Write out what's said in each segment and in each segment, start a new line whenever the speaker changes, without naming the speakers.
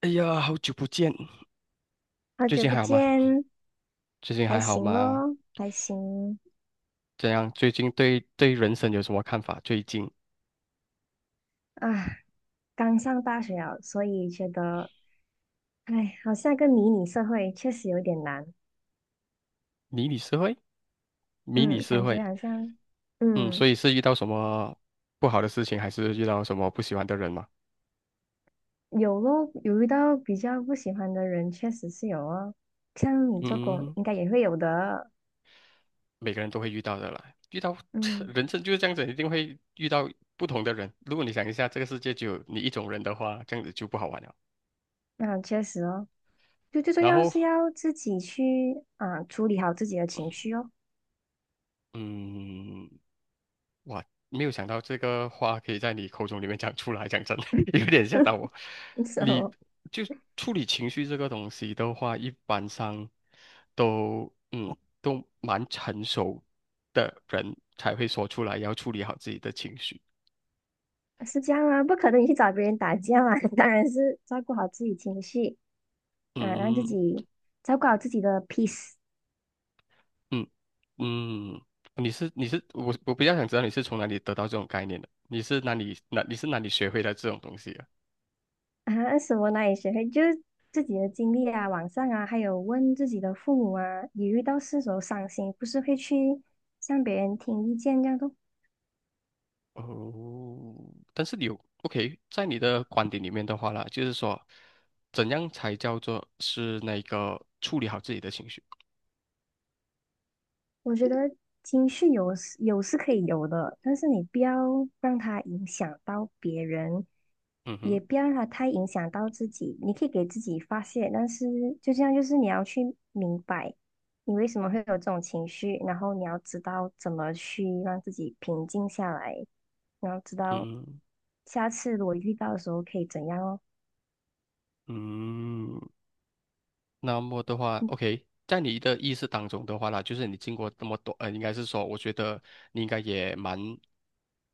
哎呀，好久不见。
好
最
久
近
不
还好吗？
见，
最近
还
还好
行
吗？
咯，还行
怎样？最近对人生有什么看法？最近
啊。刚上大学啊，所以觉得，哎，好像个迷你社会，确实有点难。
迷你社会，迷
嗯，
你社
感觉
会。
好像，
嗯，所
嗯，
以是遇到什么不好的事情，还是遇到什么不喜欢的人吗？
有咯，有遇到比较不喜欢的人，确实是有哦。像你做工，
嗯。
应该也会有的。
每个人都会遇到的啦，遇到
嗯，
人生就是这样子，一定会遇到不同的人。如果你想一下，这个世界就有你一种人的话，这样子就不好玩了。
那、确实哦，就最重
然
要
后，
是要自己去啊、处理好自己的情绪哦。
嗯。哇，没有想到这个话可以在你口中里面讲出来，讲真的 有点吓到我。
是
你
哦，
就处理情绪这个东西的话，一般上都都蛮成熟的人才会说出来，要处理好自己的情绪。
是这样啊，不可能你去找别人打架嘛，当然是照顾好自己情绪。啊，让自
嗯
己照顾好自己的 peace。
嗯嗯。你是你是我我比较想知道你是从哪里得到这种概念的？你是哪里学会的这种东西啊？
啊，什么哪里学会，就是自己的经历啊，网上啊，还有问自己的父母啊，你遇到事时候伤心，不是会去向别人听意见这样的。
哦，但是有 OK，在你的观点里面的话啦，就是说，怎样才叫做是那个处理好自己的情绪？
我觉得情绪有是可以有的，但是你不要让它影响到别人，
嗯哼。
也不要让它太影响到自己。你可以给自己发泄，但是就这样，就是你要去明白你为什么会有这种情绪，然后你要知道怎么去让自己平静下来，然后知道
嗯
下次我遇到的时候可以怎样哦。
嗯。那么的话
嗯
，OK，在你的意识当中的话啦，就是你经过那么多，应该是说，我觉得你应该也蛮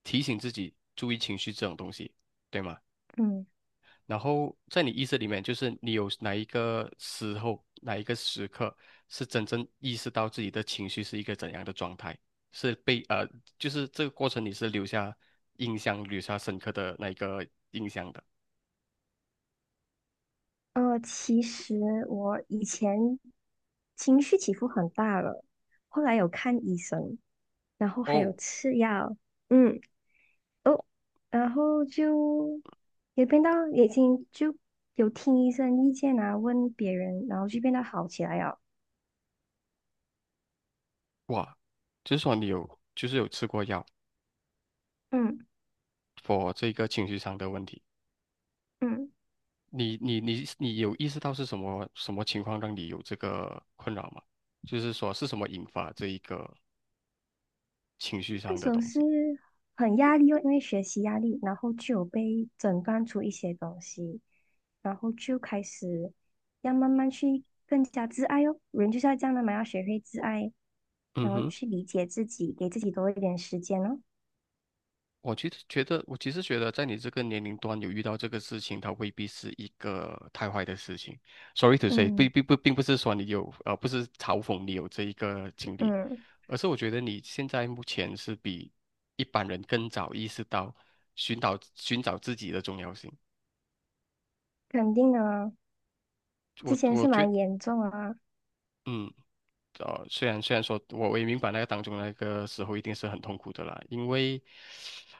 提醒自己注意情绪这种东西，对吗？
嗯。
然后在你意识里面，就是你有哪一个时候、哪一个时刻是真正意识到自己的情绪是一个怎样的状态，是就是这个过程你是留下印象、留下深刻的那一个印象的。
其实我以前情绪起伏很大了，后来有看医生，然后还有
哦。
吃药，嗯，哦，然后就也变到已经就有听医生意见啊，问别人，然后就变得好起来了。
哇，就是说你有，就是有吃过药
嗯
，for 这个情绪上的问题。
嗯。
你有意识到是什么情况让你有这个困扰吗？就是说是什么引发这一个情绪
那
上
时
的
候
东
是
西？
很压力哦，因为学习压力，然后就有被诊断出一些东西，然后就开始要慢慢去更加自爱哦。人就是要这样的嘛，要学会自爱，
嗯
然后
哼。
去理解自己，给自己多一点时间哦。
我其实觉得，在你这个年龄段有遇到这个事情，它未必是一个太坏的事情。Sorry to say，并
嗯
并不并不是说你有不是嘲讽你有这一个经历，
嗯，
而是我觉得你现在目前是比一般人更早意识到寻找自己的重要性。
肯定啊，
我
之前
我
是
觉
蛮严重啊，
嗯。虽然说我也明白那个当中那个时候一定是很痛苦的啦，因为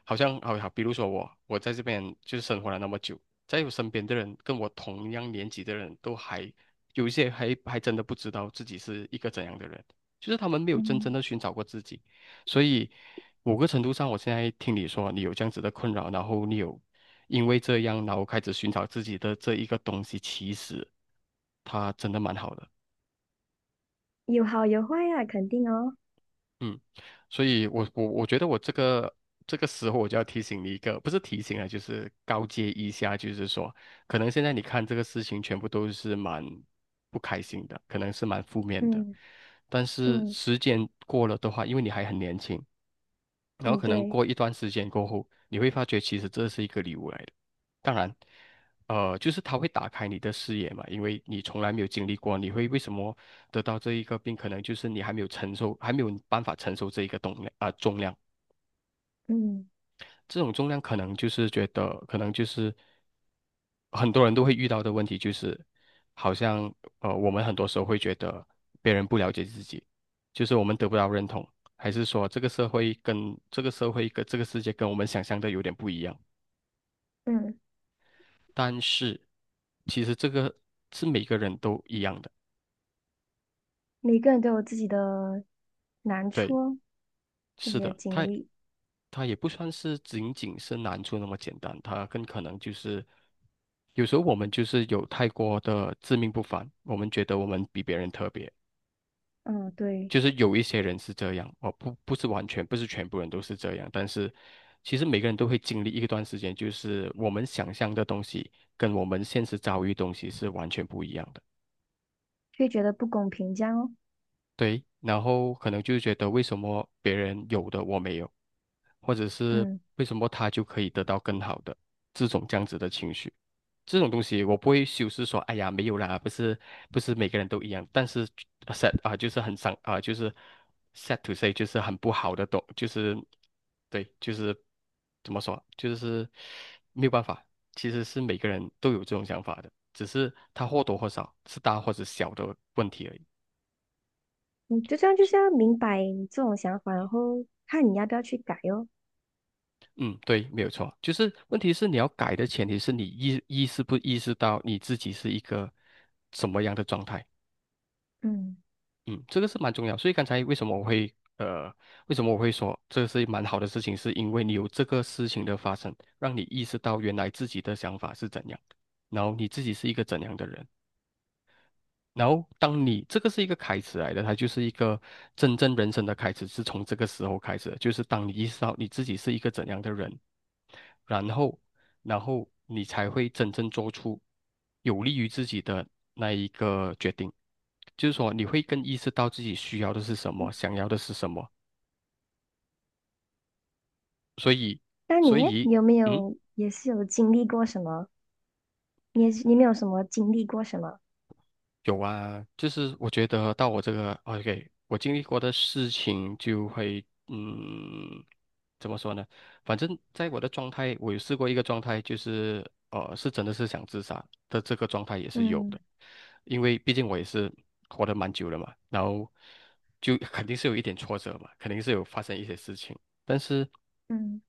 好像好好，比如说我在这边就是生活了那么久，在我身边的人跟我同样年纪的人都还有一些还真的不知道自己是一个怎样的人，就是他们没有真正
嗯，
的寻找过自己，所以某个程度上，我现在听你说你有这样子的困扰，然后你有因为这样，然后开始寻找自己的这一个东西，其实它真的蛮好的。
有好有坏啊，肯定哦。
嗯。所以我觉得我这个时候我就要提醒你一个，不是提醒啊，就是告诫一下，就是说，可能现在你看这个事情全部都是蛮不开心的，可能是蛮负面的，
嗯
但是
嗯
时间过了的话，因为你还很年轻，然后
嗯，
可能
对，
过一段时间过后，你会发觉其实这是一个礼物来的。当然，就是它会打开你的视野嘛，因为你从来没有经历过，你会为什么得到这一个病，可能就是你还没有承受，还没有办法承受这一个重量啊、重量。
嗯
这种重量可能就是觉得，可能就是很多人都会遇到的问题，就是好像我们很多时候会觉得别人不了解自己，就是我们得不到认同，还是说这个社会跟这个世界跟我们想象的有点不一样。
嗯，
但是其实这个是每个人都一样的。
每个人都有自己的难处
对，
哦，自
是
己的
的。
经
它
历。
它也不算是仅仅是难处那么简单，它更可能就是。有时候我们就是有太过的自命不凡，我们觉得我们比别人特别，
嗯，对，
就是有一些人是这样，哦，不，不是完全，不是全部人都是这样，但是其实每个人都会经历一段时间，就是我们想象的东西跟我们现实遭遇的东西是完全不一样的。
会觉得不公平这样哦。
对，然后可能就觉得为什么别人有的我没有，或者是
嗯，
为什么他就可以得到更好的这种这样子的情绪。这种东西我不会修饰说，哎呀，没有啦，不是每个人都一样，但是 sad 啊、就是很伤啊、就是 sad to say，就是很不好的东，就是对，就是怎么说，就是没有办法，其实是每个人都有这种想法的，只是他或多或少是大或者小的问题而已。
你就这样就是要明白你这种想法，然后看你要不要去改哦。
嗯，对，没有错，就是问题是你要改的前提是你意意识不意识到你自己是一个什么样的状态。
嗯，
嗯，这个是蛮重要，所以刚才为什么我会为什么我会说这是蛮好的事情，是因为你有这个事情的发生，让你意识到原来自己的想法是怎样，然后你自己是一个怎样的人。然后，当你这个是一个开始来的，它就是一个真正人生的开始，是从这个时候开始的，就是当你意识到你自己是一个怎样的人，然后，然后你才会真正做出有利于自己的那一个决定，就是说你会更意识到自己需要的是什么，想要的是什么，所以，
那
所
你
以，
有没
嗯。
有也是有经历过什么？你也是你没有什么经历过什么？
有啊，就是我觉得到我这个哦 OK，我经历过的事情就会，嗯，怎么说呢？反正在我的状态，我有试过一个状态，就是是真的是想自杀的这个状态也是有的，
嗯
因为毕竟我也是活得蛮久了嘛，然后就肯定是有一点挫折嘛，肯定是有发生一些事情，但是。
嗯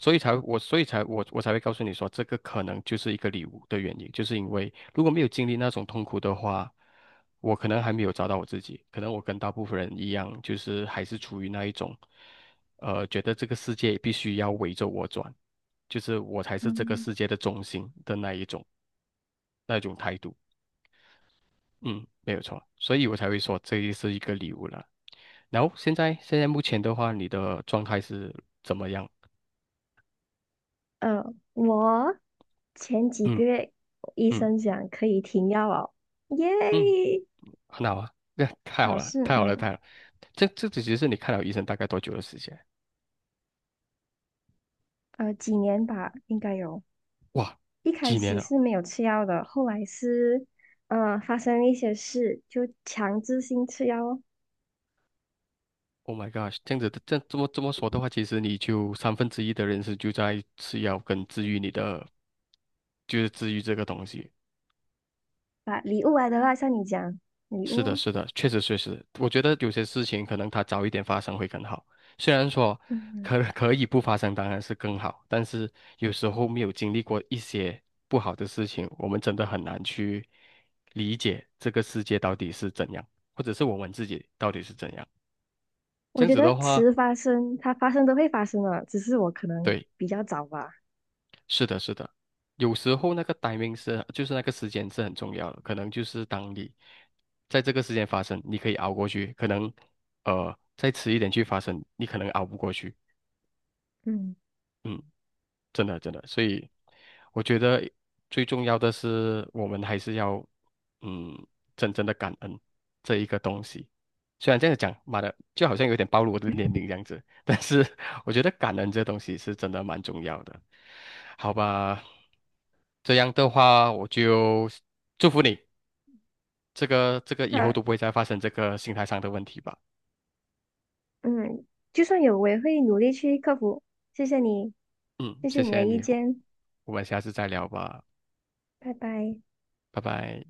所以才我，所以才我，我才会告诉你说，这个可能就是一个礼物的原因，就是因为如果没有经历那种痛苦的话，我可能还没有找到我自己，可能我跟大部分人一样，就是还是处于那一种，觉得这个世界必须要围着我转，就是我才是这个
嗯，
世界的中心的那一种态度。嗯，没有错，所以我才会说这是一个礼物了。然后现在目前的话，你的状态是怎么样？
我前几
嗯
个月医
嗯
生讲可以停药哦，
嗯。
耶，
很好啊，那太好
好
了，
事，
太好了，太
嗯，
好了。这只是你看了医生大概多久的时间？
几年吧，应该有。
哇，
一开
几年
始
了
是没有吃药的，后来是，发生了一些事，就强制性吃药哦，
？Oh my God 这样子的，这么说的话，其实你就1/3的人生就在吃药跟治愈你的，就是治愈这个东西。
把礼物来的话，像你讲礼物
是的，
哦，
是的，确实确实，我觉得有些事情可能它早一点发生会更好。虽然说
嗯，
可以不发生，当然是更好，但是有时候没有经历过一些不好的事情，我们真的很难去理解这个世界到底是怎样，或者是我们自己到底是怎样。这
我
样
觉
子
得
的话，
迟发生，它发生都会发生的，只是我可能
对。
比较早吧。
是的，是的，有时候那个 timing 是，就是那个时间是很重要的。可能就是当你在这个时间发生，你可以熬过去；可能再迟一点去发生，你可能熬不过去。
嗯，
嗯。真的真的，所以我觉得最重要的是，我们还是要嗯，真正的感恩这一个东西。虽然这样讲，妈的，就好像有点暴露我的年龄这样子，但是我觉得感恩这东西是真的蛮重要的。好吧，这样的话，我就祝福你，这个以后
啊，
都不会再发生这个心态上的问题吧。
嗯，就算有，我也会努力去克服。谢谢你，
嗯，
谢谢
谢
你的
谢
意
你，
见，
我们下次再聊吧，
拜拜。
拜拜。